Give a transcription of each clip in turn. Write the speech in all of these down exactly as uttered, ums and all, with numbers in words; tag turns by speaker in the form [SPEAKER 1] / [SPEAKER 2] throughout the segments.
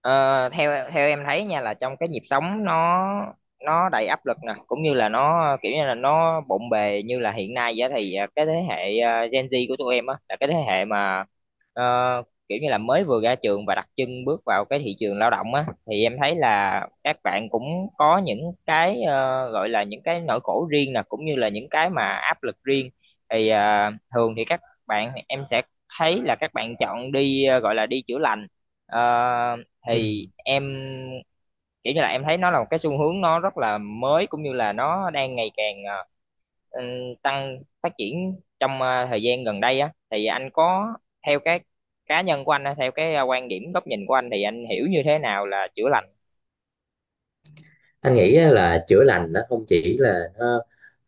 [SPEAKER 1] Ờ, theo theo em thấy nha là trong cái nhịp sống nó nó đầy áp lực nè, cũng như là nó kiểu như là nó bộn bề như là hiện nay vậy, thì ờ, cái thế hệ ờ, Gen Z của tụi em á là cái thế hệ mà ờ, kiểu như là mới vừa ra trường và đặt chân bước vào cái thị trường lao động á, thì em thấy là các bạn cũng có những cái ờ, gọi là những cái nỗi khổ riêng nè, cũng như là những cái mà áp lực riêng. Thì ờ, thường thì các bạn em sẽ thấy là các bạn chọn đi ờ, gọi là đi chữa lành. Ờ, thì
[SPEAKER 2] Ừ.
[SPEAKER 1] em kiểu như là em thấy nó là một cái xu hướng nó rất là mới, cũng như là nó đang ngày càng ờ, ừ, tăng phát triển trong ờ, thời gian gần đây á, thì anh có theo cái cá nhân của anh á, theo cái ờ, quan điểm góc nhìn của anh, thì anh hiểu như thế nào là chữa lành?
[SPEAKER 2] Anh nghĩ á, là chữa lành nó không chỉ là nó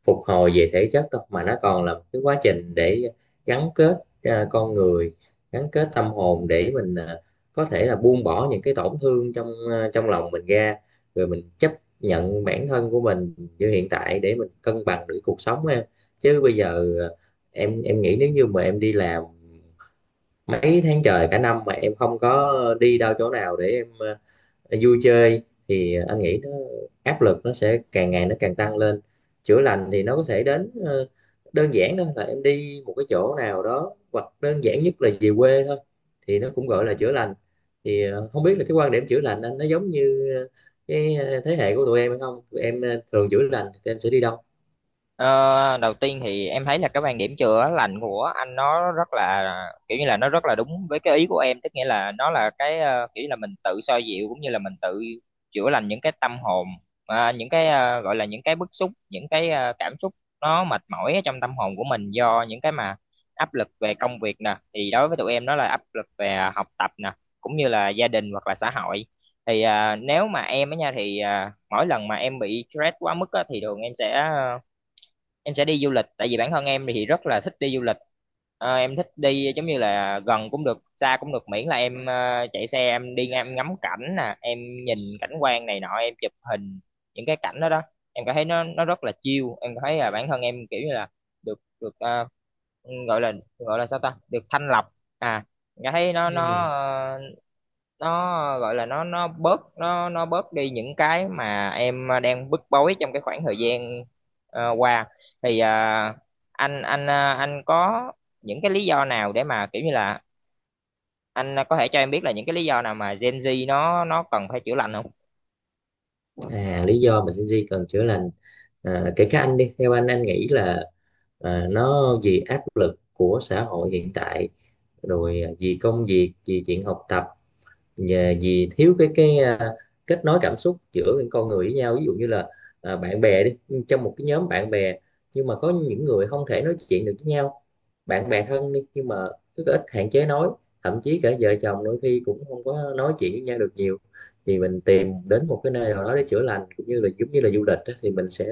[SPEAKER 2] phục hồi về thể chất đâu, mà nó còn là một cái quá trình để gắn kết à, con người, gắn kết tâm hồn để mình à, có thể là buông bỏ những cái tổn thương trong à, trong lòng mình ra, rồi mình chấp nhận bản thân của mình như hiện tại để mình cân bằng được cuộc sống em. Chứ bây giờ à, em em nghĩ nếu như mà em đi làm mấy tháng trời cả năm mà em không có đi đâu chỗ nào để em à, vui chơi, thì anh nghĩ nó áp lực nó sẽ càng ngày nó càng tăng lên. Chữa lành thì nó có thể đến ờ, đơn giản thôi là em đi một cái chỗ nào đó, hoặc đơn giản nhất là về quê thôi, thì nó cũng gọi là chữa lành. Thì ờ, không biết là cái quan điểm chữa lành anh nó giống như ờ, cái ờ, thế hệ của tụi em hay không, tụi em ờ, thường chữa lành thì tụi em sẽ đi đâu?
[SPEAKER 1] Ờ, đầu tiên thì em thấy là cái quan điểm chữa lành của anh nó rất là kiểu như là nó rất là đúng với cái ý của em, tức nghĩa là nó là cái ờ, kiểu như là mình tự xoa dịu, cũng như là mình tự chữa lành những cái tâm hồn, à, những cái ờ, gọi là những cái bức xúc, những cái ờ, cảm xúc nó mệt mỏi ở trong tâm hồn của mình do những cái mà áp lực về công việc nè, thì đối với tụi em nó là áp lực về học tập nè, cũng như là gia đình hoặc là xã hội. Thì ờ, nếu mà em á nha, thì ờ, mỗi lần mà em bị stress quá mức á, thì thường em sẽ ờ, em sẽ đi du lịch, tại vì bản thân em thì rất là thích đi du lịch. Ờ, em thích đi giống như là gần cũng được xa cũng được, miễn là em ờ, chạy xe em đi ngang em ngắm cảnh nè, em nhìn cảnh quan này nọ, em chụp hình những cái cảnh đó đó, em cảm thấy nó nó rất là chill. Em cảm thấy là bản thân em kiểu như là được được ờ, gọi là gọi là sao ta, được thanh lọc. À, em cảm thấy nó nó
[SPEAKER 2] Ừ.
[SPEAKER 1] ờ, nó gọi là nó nó bớt, nó nó bớt đi những cái mà em đang bức bối trong cái khoảng thời gian ờ, qua. Thì à, anh anh à, anh có những cái lý do nào để mà kiểu như là anh có thể cho em biết là những cái lý do nào mà Gen Z nó nó cần phải chữa lành không?
[SPEAKER 2] À, lý do mà Gen Z cần chữa lành, à, kể cả anh đi, theo anh anh nghĩ là à, nó vì áp lực của xã hội hiện tại, rồi à, vì công việc, vì chuyện học tập, và vì thiếu cái cái à, kết nối cảm xúc giữa những con người với nhau. Ví dụ như là à, bạn bè đi, trong một cái nhóm bạn bè nhưng mà có những người không thể nói chuyện được với nhau. Bạn bè thân đi nhưng mà rất ít, hạn chế nói. Thậm chí cả vợ chồng đôi khi cũng không có nói chuyện với nhau được nhiều. Thì mình tìm đến một cái nơi nào đó để chữa lành, cũng như là giống như là du lịch á, thì mình sẽ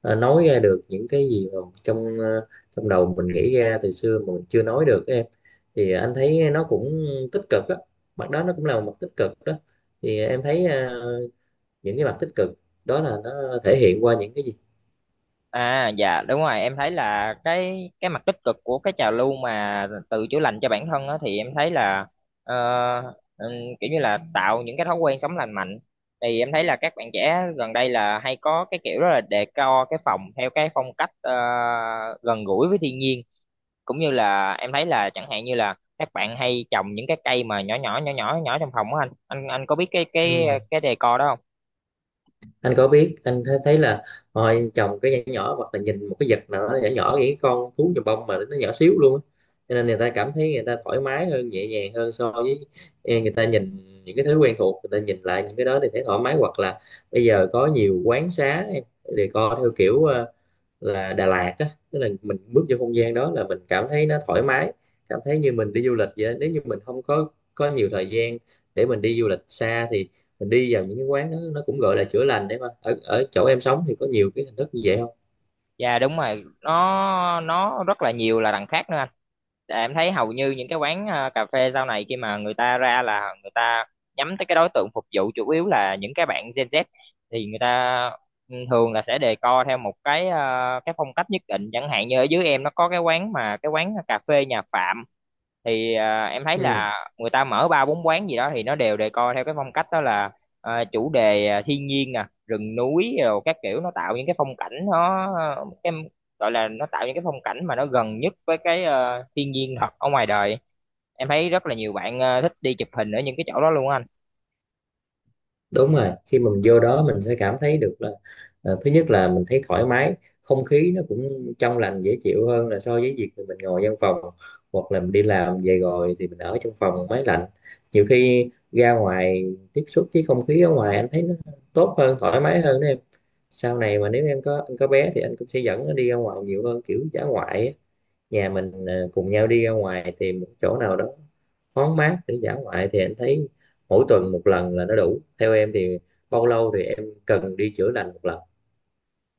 [SPEAKER 2] ờ, nói ra được những cái gì mà trong ờ, trong đầu mình nghĩ ra từ xưa mà mình chưa nói được á em. Thì anh thấy nó cũng tích cực á, mặt đó nó cũng là một mặt tích cực đó. Thì em thấy ờ, những cái mặt tích cực đó là nó thể hiện qua những cái gì?
[SPEAKER 1] À dạ đúng rồi, em thấy là cái cái mặt tích cực của cái trào lưu mà tự chữa lành cho bản thân á, thì em thấy là ờ, ừm, kiểu như là tạo những cái thói quen sống lành mạnh. Thì em thấy là các bạn trẻ gần đây là hay có cái kiểu rất là decor cái phòng theo cái phong cách ờ, gần gũi với thiên nhiên. Cũng như là em thấy là chẳng hạn như là các bạn hay trồng những cái cây mà nhỏ nhỏ nhỏ nhỏ nhỏ trong phòng á, anh anh anh có biết cái cái
[SPEAKER 2] Ừ.
[SPEAKER 1] cái decor đó không?
[SPEAKER 2] Anh có biết, anh thấy thấy là hồi trồng cái nhỏ nhỏ, hoặc là nhìn một cái vật nào đó nhỏ nhỏ, những cái con thú nhồi bông mà nó nhỏ xíu luôn á. Cho nên người ta cảm thấy người ta thoải mái hơn, nhẹ nhàng hơn. So với ê, người ta nhìn những cái thứ quen thuộc, người ta nhìn lại những cái đó thì thấy thoải mái. Hoặc là bây giờ có nhiều quán xá em decor theo kiểu ờ, là Đà Lạt á, tức là mình bước vô không gian đó là mình cảm thấy nó thoải mái, cảm thấy như mình đi du lịch vậy đó. Nếu như mình không có có nhiều thời gian để mình đi du lịch xa, thì mình đi vào những cái quán đó, nó cũng gọi là chữa lành đấy. Mà ở ở chỗ em sống thì có nhiều cái hình thức như vậy không?
[SPEAKER 1] Dạ đúng rồi, nó nó rất là nhiều là đằng khác nữa anh. Tại em thấy hầu như những cái quán ờ, cà phê sau này khi mà người ta ra là người ta nhắm tới cái đối tượng phục vụ chủ yếu là những cái bạn Gen Z, thì người ta ừ, thường là sẽ đề co theo một cái ờ, cái phong cách nhất định. Chẳng hạn như ở dưới em nó có cái quán mà cái quán cà phê nhà Phạm, thì ờ, em thấy
[SPEAKER 2] Ừ,
[SPEAKER 1] là người ta mở ba bốn quán gì đó thì nó đều đề co theo cái phong cách đó là ờ, chủ đề ờ, thiên nhiên nè, rừng núi, rồi các kiểu nó tạo những cái phong cảnh nó em gọi là nó tạo những cái phong cảnh mà nó gần nhất với cái ờ, thiên nhiên thật ở ngoài đời. Em thấy rất là nhiều bạn ờ, thích đi chụp hình ở những cái chỗ đó luôn á anh.
[SPEAKER 2] đúng rồi, khi mà mình vô đó mình sẽ cảm thấy được là à, thứ nhất là mình thấy thoải mái, không khí nó cũng trong lành dễ chịu hơn là so với việc mình ngồi văn phòng, hoặc là mình đi làm về rồi thì mình ở trong phòng máy lạnh. Nhiều khi ra ngoài tiếp xúc với không khí ở ngoài anh thấy nó tốt hơn, thoải mái hơn đó em. Sau này mà nếu em có, anh có bé thì anh cũng sẽ dẫn nó đi ra ngoài nhiều hơn, kiểu dã ngoại á. Nhà mình ờ, cùng nhau đi ra ngoài tìm một chỗ nào đó thoáng mát để dã ngoại thì anh thấy mỗi tuần một lần là nó đủ. Theo em thì bao lâu thì em cần đi chữa lành một lần?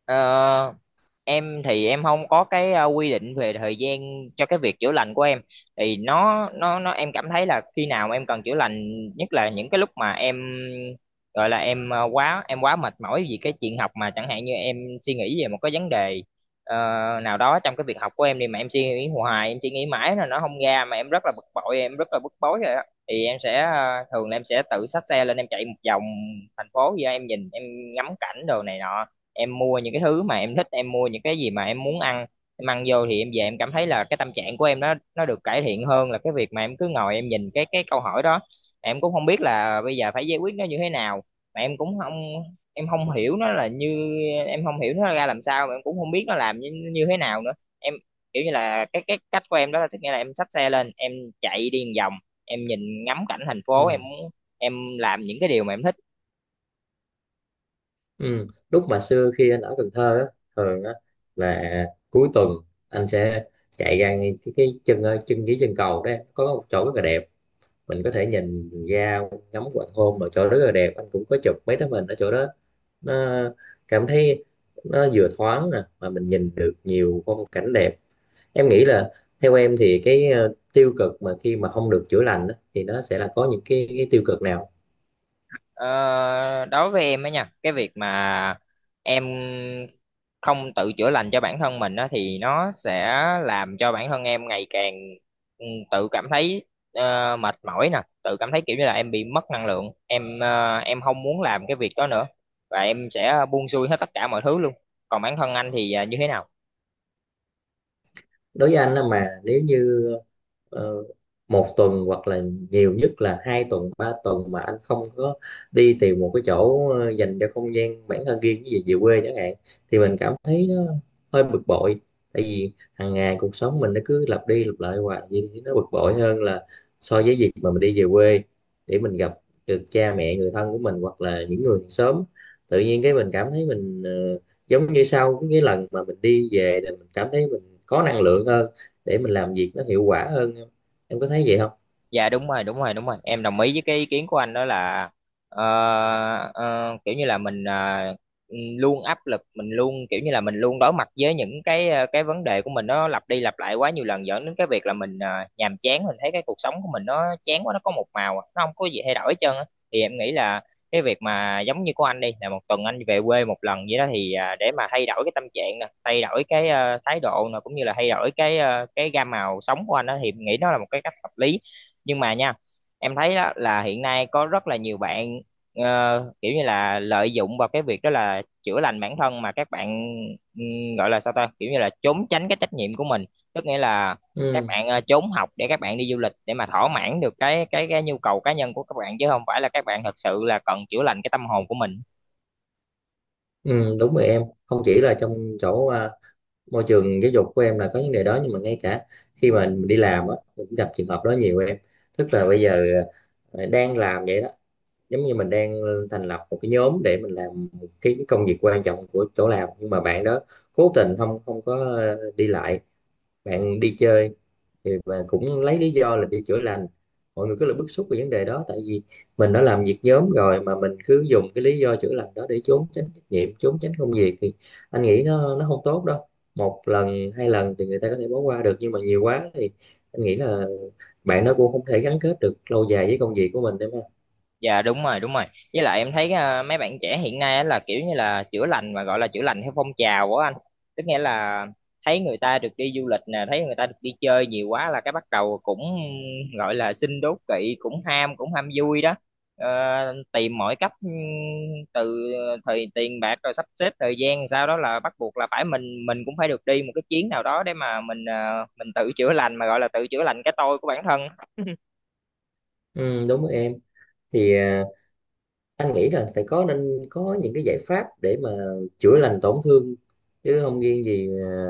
[SPEAKER 1] Ờ, em thì em không có cái ờ, quy định về thời gian cho cái việc chữa lành của em. Thì nó nó nó em cảm thấy là khi nào em cần chữa lành nhất là những cái lúc mà em gọi là em ờ, quá em quá mệt mỏi vì cái chuyện học, mà chẳng hạn như em suy nghĩ về một cái vấn đề ờ, nào đó trong cái việc học của em đi, mà em suy nghĩ hoài em suy nghĩ mãi là nó không ra, mà em rất là bực bội em rất là bức bối rồi á, thì em sẽ ờ, thường là em sẽ tự xách xe lên em chạy một vòng thành phố vậy á, em nhìn em ngắm cảnh đồ này nọ, em mua những cái thứ mà em thích, em mua những cái gì mà em muốn ăn, em ăn vô thì em về em cảm thấy là cái tâm trạng của em nó nó được cải thiện hơn là cái việc mà em cứ ngồi em nhìn cái cái câu hỏi đó, em cũng không biết là bây giờ phải giải quyết nó như thế nào, mà em cũng không em không hiểu nó là như em không hiểu nó ra làm sao, mà em cũng không biết nó làm như, như thế nào nữa. Em kiểu như là cái cái cách của em đó là, tức nghĩa là em xách xe lên em chạy đi một vòng, em nhìn ngắm cảnh thành phố, em
[SPEAKER 2] Ừ.
[SPEAKER 1] muốn em làm những cái điều mà em thích.
[SPEAKER 2] Ừ. Lúc mà xưa khi anh ở Cần Thơ á, thường á, là cuối tuần anh sẽ chạy ra ngay cái, cái chân ờ, chân dưới chân cầu đó em, có một chỗ rất là đẹp, mình có thể nhìn ra ngắm hoàng hôn. Mà chỗ rất là đẹp, anh cũng có chụp mấy tấm hình ở chỗ đó. Nó cảm thấy nó vừa thoáng nè, mà mình nhìn được nhiều phong cảnh đẹp. Em nghĩ là, theo em thì cái ờ, tiêu cực mà khi mà không được chữa lành á, thì nó sẽ là có những cái, cái tiêu cực nào?
[SPEAKER 1] Ờ, đối với em á nha, cái việc mà em không tự chữa lành cho bản thân mình á, thì nó sẽ làm cho bản thân em ngày càng ừ, tự cảm thấy ờ, mệt mỏi nè, tự cảm thấy kiểu như là em bị mất năng lượng, em ờ, em không muốn làm cái việc đó nữa và em sẽ buông xuôi hết tất cả mọi thứ luôn. Còn bản thân anh thì ờ, như thế nào?
[SPEAKER 2] Đối với anh á, mà nếu như ờ, một tuần hoặc là nhiều nhất là hai tuần ba tuần mà anh không có đi tìm một cái chỗ ờ, dành cho không gian bản thân riêng, cái gì về quê chẳng hạn, thì mình cảm thấy nó hơi bực bội. Tại vì hàng ngày cuộc sống mình nó cứ lặp đi lặp lại hoài như thế, nó bực bội hơn là so với việc mà mình đi về quê để mình gặp được cha mẹ người thân của mình, hoặc là những người sớm tự nhiên, cái mình cảm thấy mình ờ, giống như sau cái cái lần mà mình đi về là mình cảm thấy có năng lượng hơn, để mình làm việc nó hiệu quả hơn em. Em có thấy vậy không?
[SPEAKER 1] Dạ đúng rồi, đúng rồi, đúng rồi, em đồng ý với cái ý kiến của anh đó là ờ, ờ, kiểu như là mình ờ, ừ, luôn áp lực, mình luôn kiểu như là mình luôn đối mặt với những cái ờ, cái vấn đề của mình nó lặp đi lặp lại quá nhiều lần, dẫn đến cái việc là mình ờ, nhàm chán, mình thấy cái cuộc sống của mình nó chán quá, nó có một màu, à, nó không có gì thay đổi hết trơn á. Thì em nghĩ là cái việc mà giống như của anh đi, là một tuần anh về quê một lần vậy đó, thì à, để mà thay đổi cái tâm trạng nè, thay đổi cái ờ, thái độ nè, cũng như là thay đổi cái ờ, cái gam màu sống của anh đó, thì em nghĩ nó là một cái cách hợp lý. Nhưng mà nha, em thấy đó là hiện nay có rất là nhiều bạn ờ, kiểu như là lợi dụng vào cái việc đó là chữa lành bản thân, mà các bạn ừm, gọi là sao ta, kiểu như là trốn tránh cái trách nhiệm của mình. Tức nghĩa là các
[SPEAKER 2] Ừ,
[SPEAKER 1] bạn ờ, trốn học để các bạn đi du lịch, để mà thỏa mãn được cái cái cái nhu cầu cá nhân của các bạn, chứ không phải là các bạn thật sự là cần chữa lành cái tâm hồn của mình.
[SPEAKER 2] ừ, đúng rồi em, không chỉ là trong chỗ à, môi trường giáo dục của em là có vấn đề đó, nhưng mà ngay cả khi mà mình đi làm á mình cũng gặp trường hợp đó nhiều em. Tức là bây giờ à, đang làm vậy đó, giống như mình đang thành lập một cái nhóm để mình làm cái công việc quan trọng của chỗ làm, nhưng mà bạn đó cố tình không không có à, đi lại, bạn đi chơi, thì và cũng lấy lý do là đi chữa lành. Mọi người cứ là bức xúc về vấn đề đó, tại vì mình đã làm việc nhóm rồi mà mình cứ dùng cái lý do chữa lành đó để trốn tránh trách nhiệm, trốn tránh công việc, thì anh nghĩ nó nó không tốt đâu. Một lần hai lần thì người ta có thể bỏ qua được, nhưng mà nhiều quá thì anh nghĩ là bạn nó cũng không thể gắn kết được lâu dài với công việc của mình, đúng không?
[SPEAKER 1] Dạ đúng rồi, đúng rồi. Với lại em thấy à, mấy bạn trẻ hiện nay á là kiểu như là chữa lành, mà gọi là chữa lành theo phong trào của anh, tức nghĩa là thấy người ta được đi du lịch nè, thấy người ta được đi chơi nhiều quá, là cái bắt đầu cũng gọi là xin đố kỵ, cũng ham, cũng ham vui đó. Ờ, tìm mọi cách ừm, từ thời tiền bạc, rồi sắp xếp thời gian, sau đó là bắt buộc là phải mình mình cũng phải được đi một cái chuyến nào đó để mà mình ờ, mình tự chữa lành, mà gọi là tự chữa lành cái tôi của bản thân.
[SPEAKER 2] Ừ, đúng rồi em. Thì à, anh nghĩ là phải có, nên có những cái giải pháp để mà chữa lành tổn thương, chứ không riêng gì à,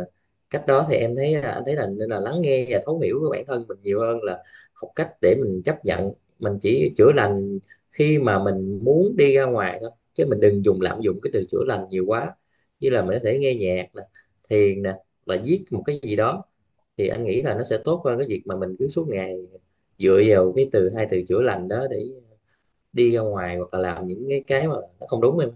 [SPEAKER 2] cách đó. Thì em thấy là- anh thấy là nên là lắng nghe và thấu hiểu của bản thân mình nhiều hơn, là học cách để mình chấp nhận. Mình chỉ chữa lành khi mà mình muốn đi ra ngoài thôi, chứ mình đừng dùng, lạm dụng cái từ chữa lành nhiều quá. Như là mình có thể nghe nhạc nè, thiền nè, là viết một cái gì đó, thì anh nghĩ là nó sẽ tốt hơn cái việc mà mình cứ suốt ngày dựa vào cái từ, hai từ chữa lành đó để đi ra ngoài, hoặc là làm những cái cái mà nó không đúng em.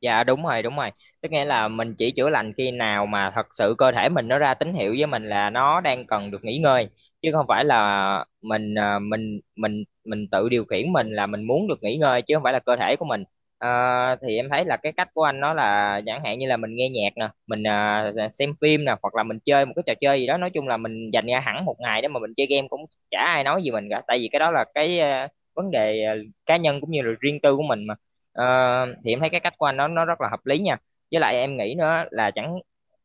[SPEAKER 1] Dạ đúng rồi, đúng rồi. Tức nghĩa là mình chỉ chữa lành khi nào mà thật sự cơ thể mình nó ra tín hiệu với mình là nó đang cần được nghỉ ngơi, chứ không phải là mình à, mình mình mình tự điều khiển mình là mình muốn được nghỉ ngơi chứ không phải là cơ thể của mình. Ờ, thì em thấy là cái cách của anh nó là chẳng hạn như là mình nghe nhạc nè, mình à, xem phim nè, hoặc là mình chơi một cái trò chơi gì đó, nói chung là mình dành ra hẳn một ngày để mà mình chơi game cũng chả ai nói gì mình cả, tại vì cái đó là cái à, vấn đề à, cá nhân, cũng như là riêng tư của mình mà. Ờ, thì em thấy cái cách của anh nó nó rất là hợp lý nha. Với lại em nghĩ nữa là chẳng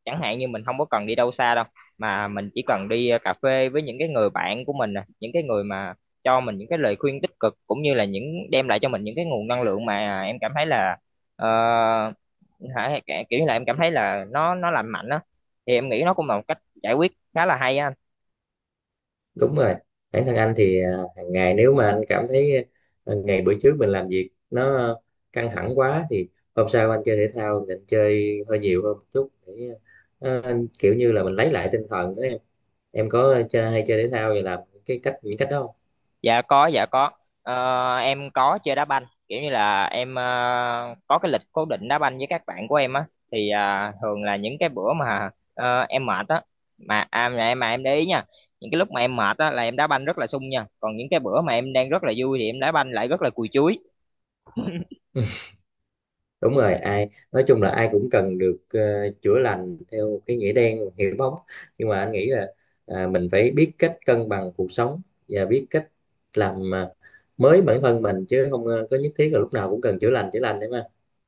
[SPEAKER 1] chẳng hạn như mình không có cần đi đâu xa đâu, mà mình chỉ cần đi ờ, cà phê với những cái người bạn của mình nè, những cái người mà cho mình những cái lời khuyên tích cực, cũng như là những đem lại cho mình những cái nguồn năng lượng mà em cảm thấy là ờ, hả, kiểu như là em cảm thấy là nó nó lành mạnh á, thì em nghĩ nó cũng là một cách giải quyết khá là hay á anh.
[SPEAKER 2] Đúng rồi, bản thân anh thì à, hàng ngày nếu mà anh cảm thấy à, ngày bữa trước mình làm việc nó căng thẳng quá, thì hôm sau anh chơi thể thao thì anh chơi hơi nhiều hơn một chút để à, anh kiểu như là mình lấy lại tinh thần đó em. Em có chơi, hay chơi thể thao và làm cái cách, những cách đó không?
[SPEAKER 1] Dạ có, dạ có. Ờ, em có chơi đá banh, kiểu như là em ờ, có cái lịch cố định đá banh với các bạn của em á, thì à, thường là những cái bữa mà ờ, em mệt á, mà à, mà em mà em để ý nha, những cái lúc mà em mệt á là em đá banh rất là sung nha, còn những cái bữa mà em đang rất là vui thì em đá banh lại rất là cùi chuối.
[SPEAKER 2] Đúng rồi, ai nói chung là ai cũng cần được ờ, chữa lành theo cái nghĩa đen hiểu bóng, nhưng mà anh nghĩ là à, mình phải biết cách cân bằng cuộc sống, và biết cách làm à, mới bản thân mình, chứ không ờ, có nhất thiết là lúc nào cũng cần chữa lành, chữa lành đấy mà.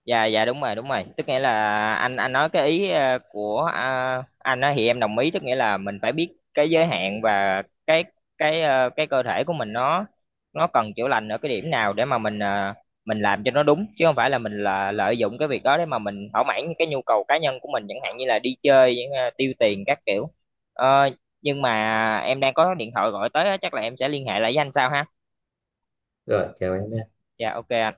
[SPEAKER 1] Dạ dạ đúng rồi, đúng rồi. Tức nghĩa là anh anh nói cái ý ờ, của à, anh á thì em đồng ý, tức nghĩa là mình phải biết cái giới hạn và cái cái ờ, cái cơ thể của mình nó nó cần chữa lành ở cái điểm nào để mà mình ờ, mình làm cho nó đúng, chứ không phải là mình là lợi dụng cái việc đó để mà mình thỏa mãn những cái nhu cầu cá nhân của mình, chẳng hạn như là đi chơi ờ, tiêu tiền các kiểu. Ờ, nhưng mà em đang có điện thoại gọi tới á, chắc là em sẽ liên hệ lại với anh sau ha.
[SPEAKER 2] Rồi, chào em.
[SPEAKER 1] Dạ ô kê anh.